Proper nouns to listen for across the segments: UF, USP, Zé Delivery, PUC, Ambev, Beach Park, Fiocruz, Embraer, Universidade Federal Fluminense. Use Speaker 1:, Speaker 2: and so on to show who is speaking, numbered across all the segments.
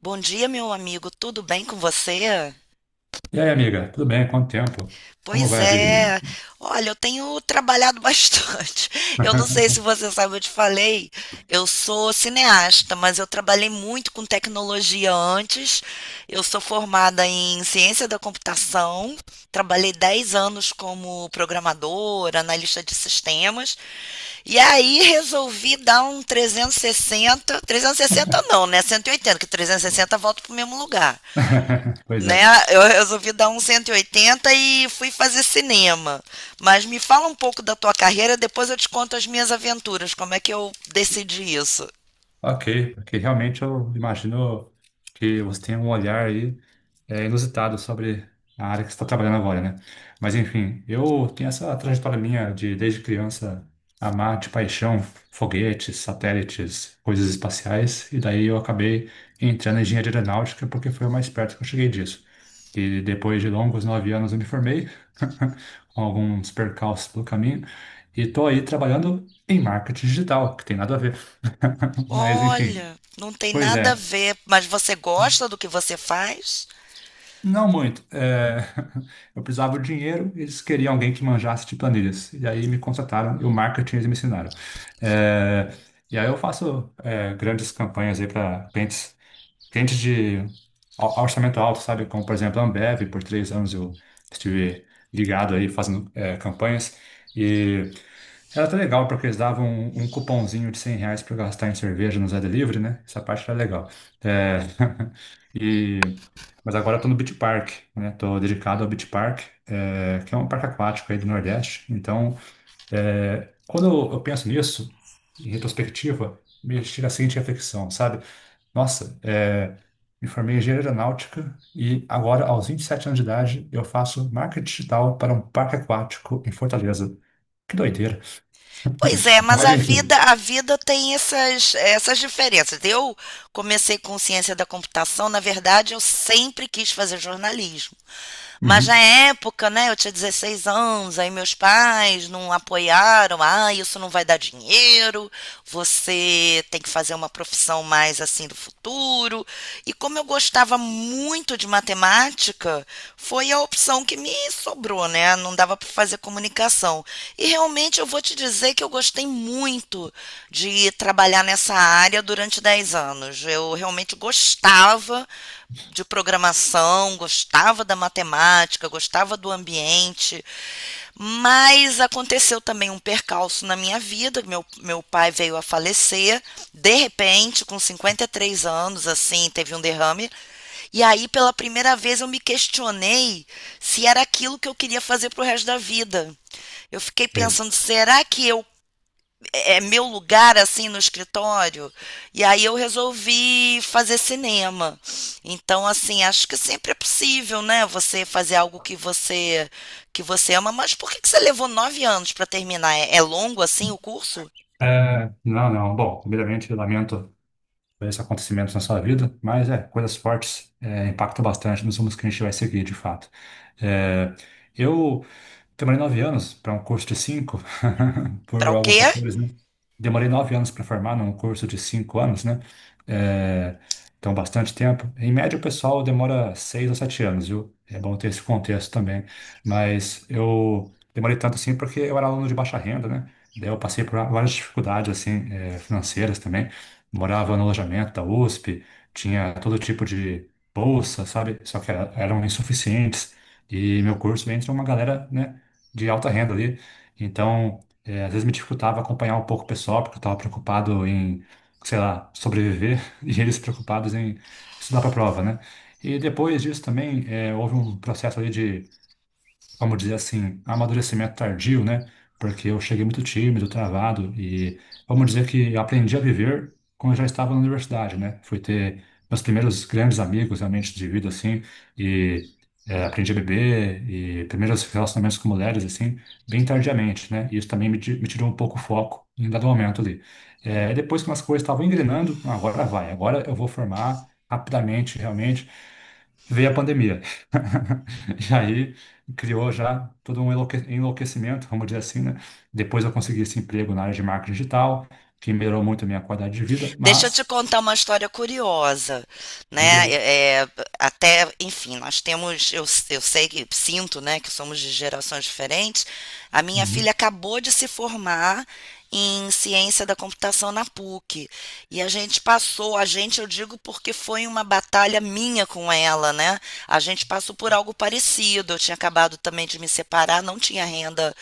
Speaker 1: Bom dia, meu amigo. Tudo bem com você?
Speaker 2: E aí, amiga, tudo bem? Quanto tempo? Como
Speaker 1: Pois
Speaker 2: vai a vida?
Speaker 1: é. Olha, eu tenho trabalhado bastante. Eu não sei se você sabe, eu te falei. Eu sou cineasta, mas eu trabalhei muito com tecnologia antes. Eu sou formada em ciência da computação. Trabalhei 10 anos como programadora, analista de sistemas. E aí resolvi dar um 360? 360 não, né? 180, que 360 volta para o mesmo lugar.
Speaker 2: Pois é.
Speaker 1: Né? Eu resolvi dar um 180 e oitenta e fui fazer cinema. Mas me fala um pouco da tua carreira, depois eu te conto as minhas aventuras, como é que eu decidi isso.
Speaker 2: Ok, porque realmente eu imagino que você tem um olhar aí inusitado sobre a área que você está trabalhando agora, né? Mas enfim, eu tenho essa trajetória minha de desde criança amar de paixão foguetes, satélites, coisas espaciais, e daí eu acabei entrando em engenharia aeronáutica porque foi o mais perto que eu cheguei disso. E depois de longos 9 anos eu me formei, com alguns percalços pelo caminho, e estou aí trabalhando em marketing digital, que tem nada a ver. Mas enfim,
Speaker 1: Olha, não tem
Speaker 2: pois
Speaker 1: nada a
Speaker 2: é.
Speaker 1: ver, mas você gosta do que você faz?
Speaker 2: Não muito. Eu precisava de dinheiro, eles queriam alguém que manjasse de planilhas. E aí me contrataram e o marketing eles me ensinaram. É, E aí eu faço grandes campanhas aí para clientes, clientes de orçamento alto, sabe? Como, por exemplo, a Ambev, por 3 anos eu estive ligado aí fazendo campanhas. Era até legal porque eles davam um cupomzinho de 100 reais para gastar em cerveja no Zé Delivery, né? Essa parte era legal. É, e, mas agora eu tô no Beach Park, né? Tô dedicado ao Beach Park, que é um parque aquático aí do Nordeste. Então, quando eu penso nisso, em retrospectiva, me chega a seguinte reflexão, sabe? Nossa, é, me formei em engenharia aeronáutica e agora, aos 27 anos de idade, eu faço marketing digital para um parque aquático em Fortaleza. Que doideira.
Speaker 1: Pois é, mas
Speaker 2: Mas,
Speaker 1: a vida,
Speaker 2: enfim,
Speaker 1: a vida tem essas diferenças. Eu comecei com ciência da computação, na verdade, eu sempre quis fazer jornalismo. Mas na
Speaker 2: uhum,
Speaker 1: época, né, eu tinha 16 anos, aí meus pais não apoiaram. Ah, isso não vai dar dinheiro, você tem que fazer uma profissão mais assim do futuro. E como eu gostava muito de matemática, foi a opção que me sobrou, né? Não dava para fazer comunicação. E realmente eu vou te dizer que eu gostei muito de trabalhar nessa área durante 10 anos. Eu realmente gostava de programação, gostava da matemática, gostava do ambiente, mas aconteceu também um percalço na minha vida. Meu pai veio a falecer, de repente, com 53 anos, assim, teve um derrame. E aí, pela primeira vez, eu me questionei se era aquilo que eu queria fazer pro resto da vida. Eu fiquei
Speaker 2: sei.
Speaker 1: pensando, será que eu é meu lugar assim no escritório. E aí eu resolvi fazer cinema. Então, assim, acho que sempre é possível, né? Você fazer algo que você ama. Mas por que que você levou 9 anos para terminar? É, é longo assim o curso?
Speaker 2: Não, não. Bom, primeiramente, eu lamento por esse acontecimento na sua vida, mas coisas fortes impactam bastante nos rumos que a gente vai seguir, de fato. É, eu demorei 9 anos para um curso de cinco,
Speaker 1: Para
Speaker 2: por
Speaker 1: o
Speaker 2: alguns
Speaker 1: quê?
Speaker 2: fatores, né? Demorei 9 anos para formar num curso de 5 anos, né? É, então, bastante tempo. Em média, o pessoal demora 6 ou 7 anos, viu? É bom ter esse contexto também. Mas eu demorei tanto assim porque eu era aluno de baixa renda, né? Daí eu passei por várias dificuldades, assim, financeiras também. Morava no alojamento da USP, tinha todo tipo de bolsa, sabe? Só que eram insuficientes. E meu curso entra uma galera, né? De alta renda ali. Então, é, às vezes me dificultava acompanhar um pouco o pessoal, porque eu estava preocupado em, sei lá, sobreviver, e eles preocupados em estudar para a prova, né? E depois disso também, houve um processo ali de, vamos dizer assim, amadurecimento tardio, né? Porque eu cheguei muito tímido, travado, e vamos dizer que eu aprendi a viver quando eu já estava na universidade, né? Fui ter meus primeiros grandes amigos realmente de vida, assim, e aprendi a beber e primeiros relacionamentos com mulheres, assim, bem tardiamente, né? E isso também me tirou um pouco o foco em dado momento ali. Depois que as coisas estavam engrenando, "Ah, agora vai, agora eu vou formar rapidamente", realmente, veio a pandemia. E aí criou já todo um enlouquecimento, vamos dizer assim, né? Depois eu consegui esse emprego na área de marketing digital, que melhorou muito a minha qualidade de vida,
Speaker 1: Deixa eu te
Speaker 2: mas,
Speaker 1: contar uma história curiosa,
Speaker 2: diga
Speaker 1: né?
Speaker 2: aí.
Speaker 1: Até, enfim, nós temos, eu sei que sinto, né, que somos de gerações diferentes. A minha
Speaker 2: Uhum,
Speaker 1: filha acabou de se formar em ciência da computação na PUC. E a gente passou, a gente, eu digo porque foi uma batalha minha com ela, né? A gente passou por algo parecido. Eu tinha acabado também de me separar, não tinha renda,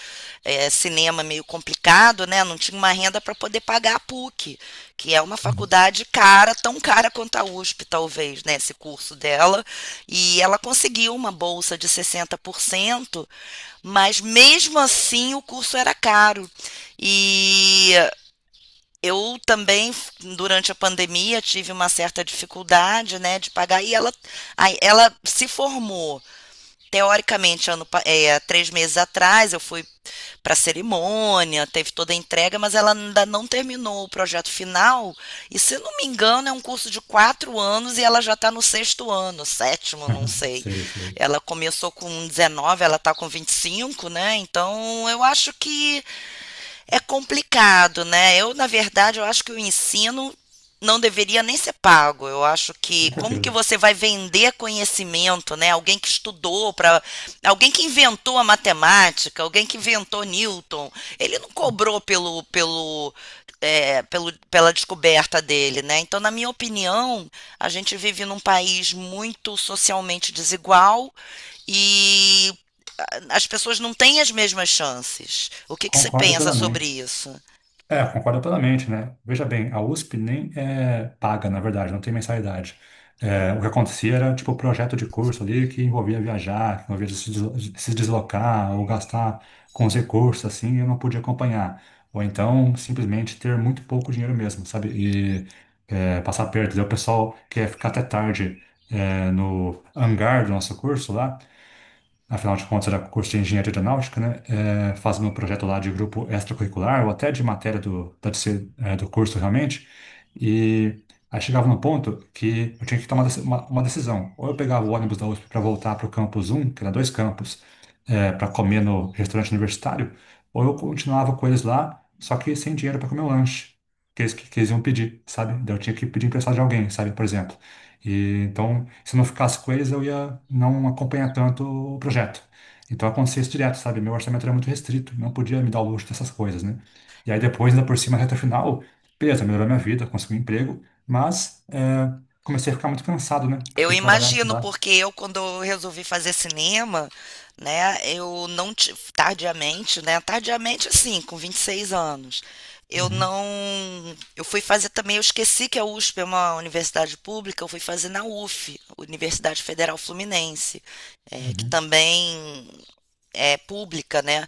Speaker 1: eh, cinema meio complicado, né? Não tinha uma renda para poder pagar a PUC, que é uma
Speaker 2: uhum.
Speaker 1: faculdade cara, tão cara quanto a USP, talvez, né, esse curso dela, e ela conseguiu uma bolsa de 60%, mas mesmo assim o curso era caro. E eu também, durante a pandemia, tive uma certa dificuldade, né, de pagar, e ela se formou teoricamente ano, é, 3 meses atrás, eu fui para a cerimônia, teve toda a entrega, mas ela ainda não terminou o projeto final. E se não me engano, é um curso de 4 anos e ela já está no sexto ano, sétimo, não sei.
Speaker 2: Sei, sei.
Speaker 1: Ela começou com 19, ela está com 25, né? Então eu acho que é complicado, né? Eu, na verdade, eu acho que o ensino não deveria nem ser pago. Eu acho que
Speaker 2: Com
Speaker 1: como que
Speaker 2: certeza.
Speaker 1: você vai vender conhecimento, né? Alguém que estudou para, alguém que inventou a matemática, alguém que inventou Newton, ele não cobrou pela descoberta dele, né? Então, na minha opinião, a gente vive num país muito socialmente desigual e as pessoas não têm as mesmas chances. O que, que você
Speaker 2: Concordo
Speaker 1: pensa sobre
Speaker 2: plenamente.
Speaker 1: isso?
Speaker 2: É, concordo plenamente, né? Veja bem, a USP nem é paga, na verdade, não tem mensalidade. É, o que acontecia era, tipo, projeto de curso ali que envolvia viajar, que envolvia se deslocar ou gastar com os recursos, assim, e eu não podia acompanhar. Ou então, simplesmente ter muito pouco dinheiro mesmo, sabe? E passar perto. Daí o pessoal quer ficar até tarde no hangar do nosso curso lá, afinal de contas era curso de engenharia aeronáutica, né? É, fazendo um projeto lá de grupo extracurricular ou até de matéria da TC, do curso realmente. E aí chegava num ponto que eu tinha que tomar uma decisão. Ou eu pegava o ônibus da USP para voltar para o campus um, que era dois campos, para comer no restaurante universitário, ou eu continuava com eles lá, só que sem dinheiro para comer o lanche. Que eles iam pedir, sabe? Daí eu tinha que pedir emprestado de alguém, sabe? Por exemplo. E, então, se eu não ficasse com eles, eu ia não acompanhar tanto o projeto. Então, acontecia isso direto, sabe? Meu orçamento era muito restrito, não podia me dar o luxo dessas coisas, né? E aí, depois, ainda por cima, reta final, beleza, melhorou minha vida, consegui um emprego, mas comecei a ficar muito cansado, né?
Speaker 1: Eu
Speaker 2: Porque trabalhar,
Speaker 1: imagino,
Speaker 2: estudar.
Speaker 1: porque eu, quando eu resolvi fazer cinema, né, eu não. Tardiamente, né? Tardiamente, assim, com 26 anos. Eu
Speaker 2: Uhum,
Speaker 1: não. Eu fui fazer também, eu esqueci que a USP é uma universidade pública, eu fui fazer na UF, Universidade Federal Fluminense, é, que
Speaker 2: uhum.
Speaker 1: também é, pública, né?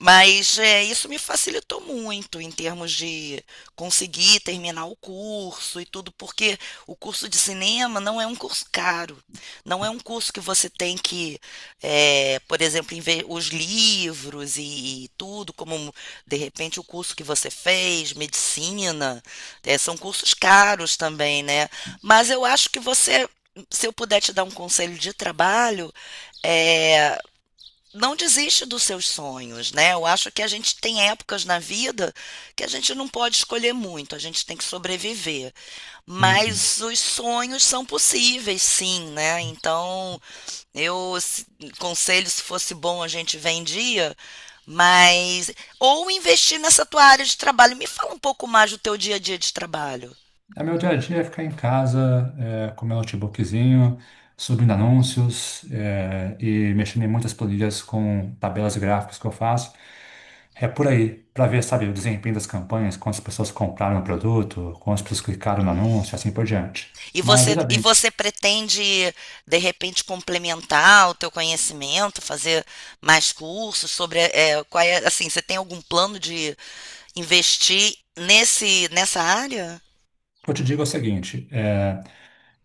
Speaker 1: Mas é, isso me facilitou muito em termos de conseguir terminar o curso e tudo, porque o curso de cinema não é um curso caro, não é um curso que você tem que, por exemplo, os livros e tudo, como de repente o curso que você fez, medicina, é, são cursos caros também, né? Mas eu acho que você, se eu puder te dar um conselho de trabalho, é, não desiste dos seus sonhos, né? Eu acho que a gente tem épocas na vida que a gente não pode escolher muito, a gente tem que sobreviver.
Speaker 2: Sim, sim.
Speaker 1: Mas os sonhos são possíveis, sim, né? Então, eu se- conselho se fosse bom a gente vendia, mas ou investir nessa tua área de trabalho. Me fala um pouco mais do teu dia a dia de trabalho.
Speaker 2: É, meu dia a dia é ficar em casa, é, com meu notebookzinho, subindo anúncios, é, e mexendo em muitas planilhas com tabelas gráficas que eu faço. É por aí, para ver, sabe, o desempenho das campanhas, quantas pessoas compraram o produto, quantas pessoas clicaram no anúncio, assim por diante. Mas veja
Speaker 1: E
Speaker 2: bem,
Speaker 1: você pretende, de repente, complementar o teu conhecimento, fazer mais cursos sobre, é, qual é, assim, você tem algum plano de investir nesse, nessa área?
Speaker 2: o que eu te digo é o seguinte. É,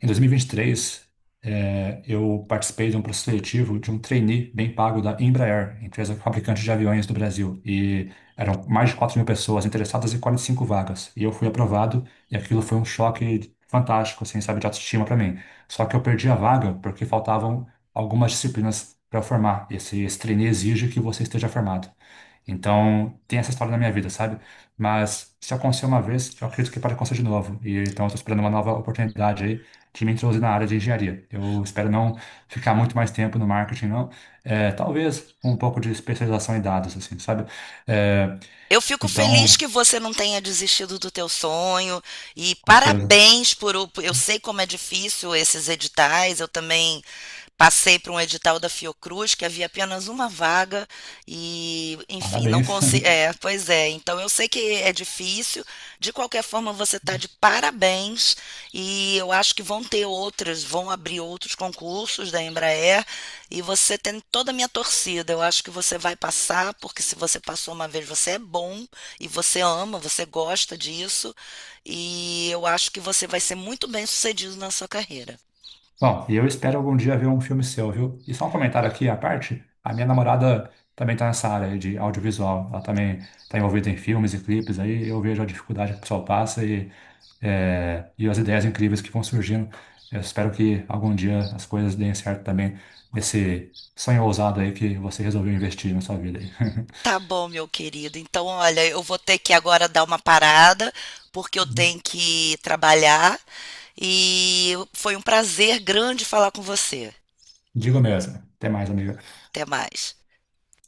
Speaker 2: Em 2023, eu participei de um processo seletivo de um trainee bem pago da Embraer, empresa fabricante de aviões do Brasil. E eram mais de 4 mil pessoas interessadas e 45 vagas. E eu fui aprovado, e aquilo foi um choque fantástico, assim, sabe, de autoestima para mim. Só que eu perdi a vaga porque faltavam algumas disciplinas para formar. Esse trainee exige que você esteja formado. Então, tem essa história na minha vida, sabe? Mas se aconteceu uma vez, eu acredito que pode acontecer de novo. E então, eu estou esperando uma nova oportunidade aí de me introduzir na área de engenharia. Eu espero não ficar muito mais tempo no marketing, não. É, talvez um pouco de especialização em dados, assim, sabe? É,
Speaker 1: Eu fico feliz
Speaker 2: então,
Speaker 1: que você não tenha desistido do teu sonho e
Speaker 2: com certeza,
Speaker 1: parabéns por, eu sei como é difícil esses editais, eu também passei para um edital da Fiocruz, que havia apenas uma vaga, e, enfim, não
Speaker 2: parabéns.
Speaker 1: consegui. É, pois é, então eu sei que é difícil. De qualquer forma, você está de parabéns, e eu acho que vão ter outras, vão abrir outros concursos da Embraer, e você tem toda a minha torcida. Eu acho que você vai passar, porque se você passou uma vez, você é bom, e você ama, você gosta disso, e eu acho que você vai ser muito bem sucedido na sua carreira.
Speaker 2: Bom, e eu espero algum dia ver um filme seu, viu? E só um comentário aqui à parte, a minha namorada também está nessa área aí de audiovisual, ela também está envolvida em filmes e clipes aí, eu vejo a dificuldade que o pessoal passa e, e as ideias incríveis que vão surgindo. Eu espero que algum dia as coisas deem certo também nesse sonho ousado aí que você resolveu investir na sua vida aí.
Speaker 1: Tá bom, meu querido. Então, olha, eu vou ter que agora dar uma parada, porque eu tenho que trabalhar. E foi um prazer grande falar com você.
Speaker 2: Digo mesmo. Até mais, amiga.
Speaker 1: Até mais.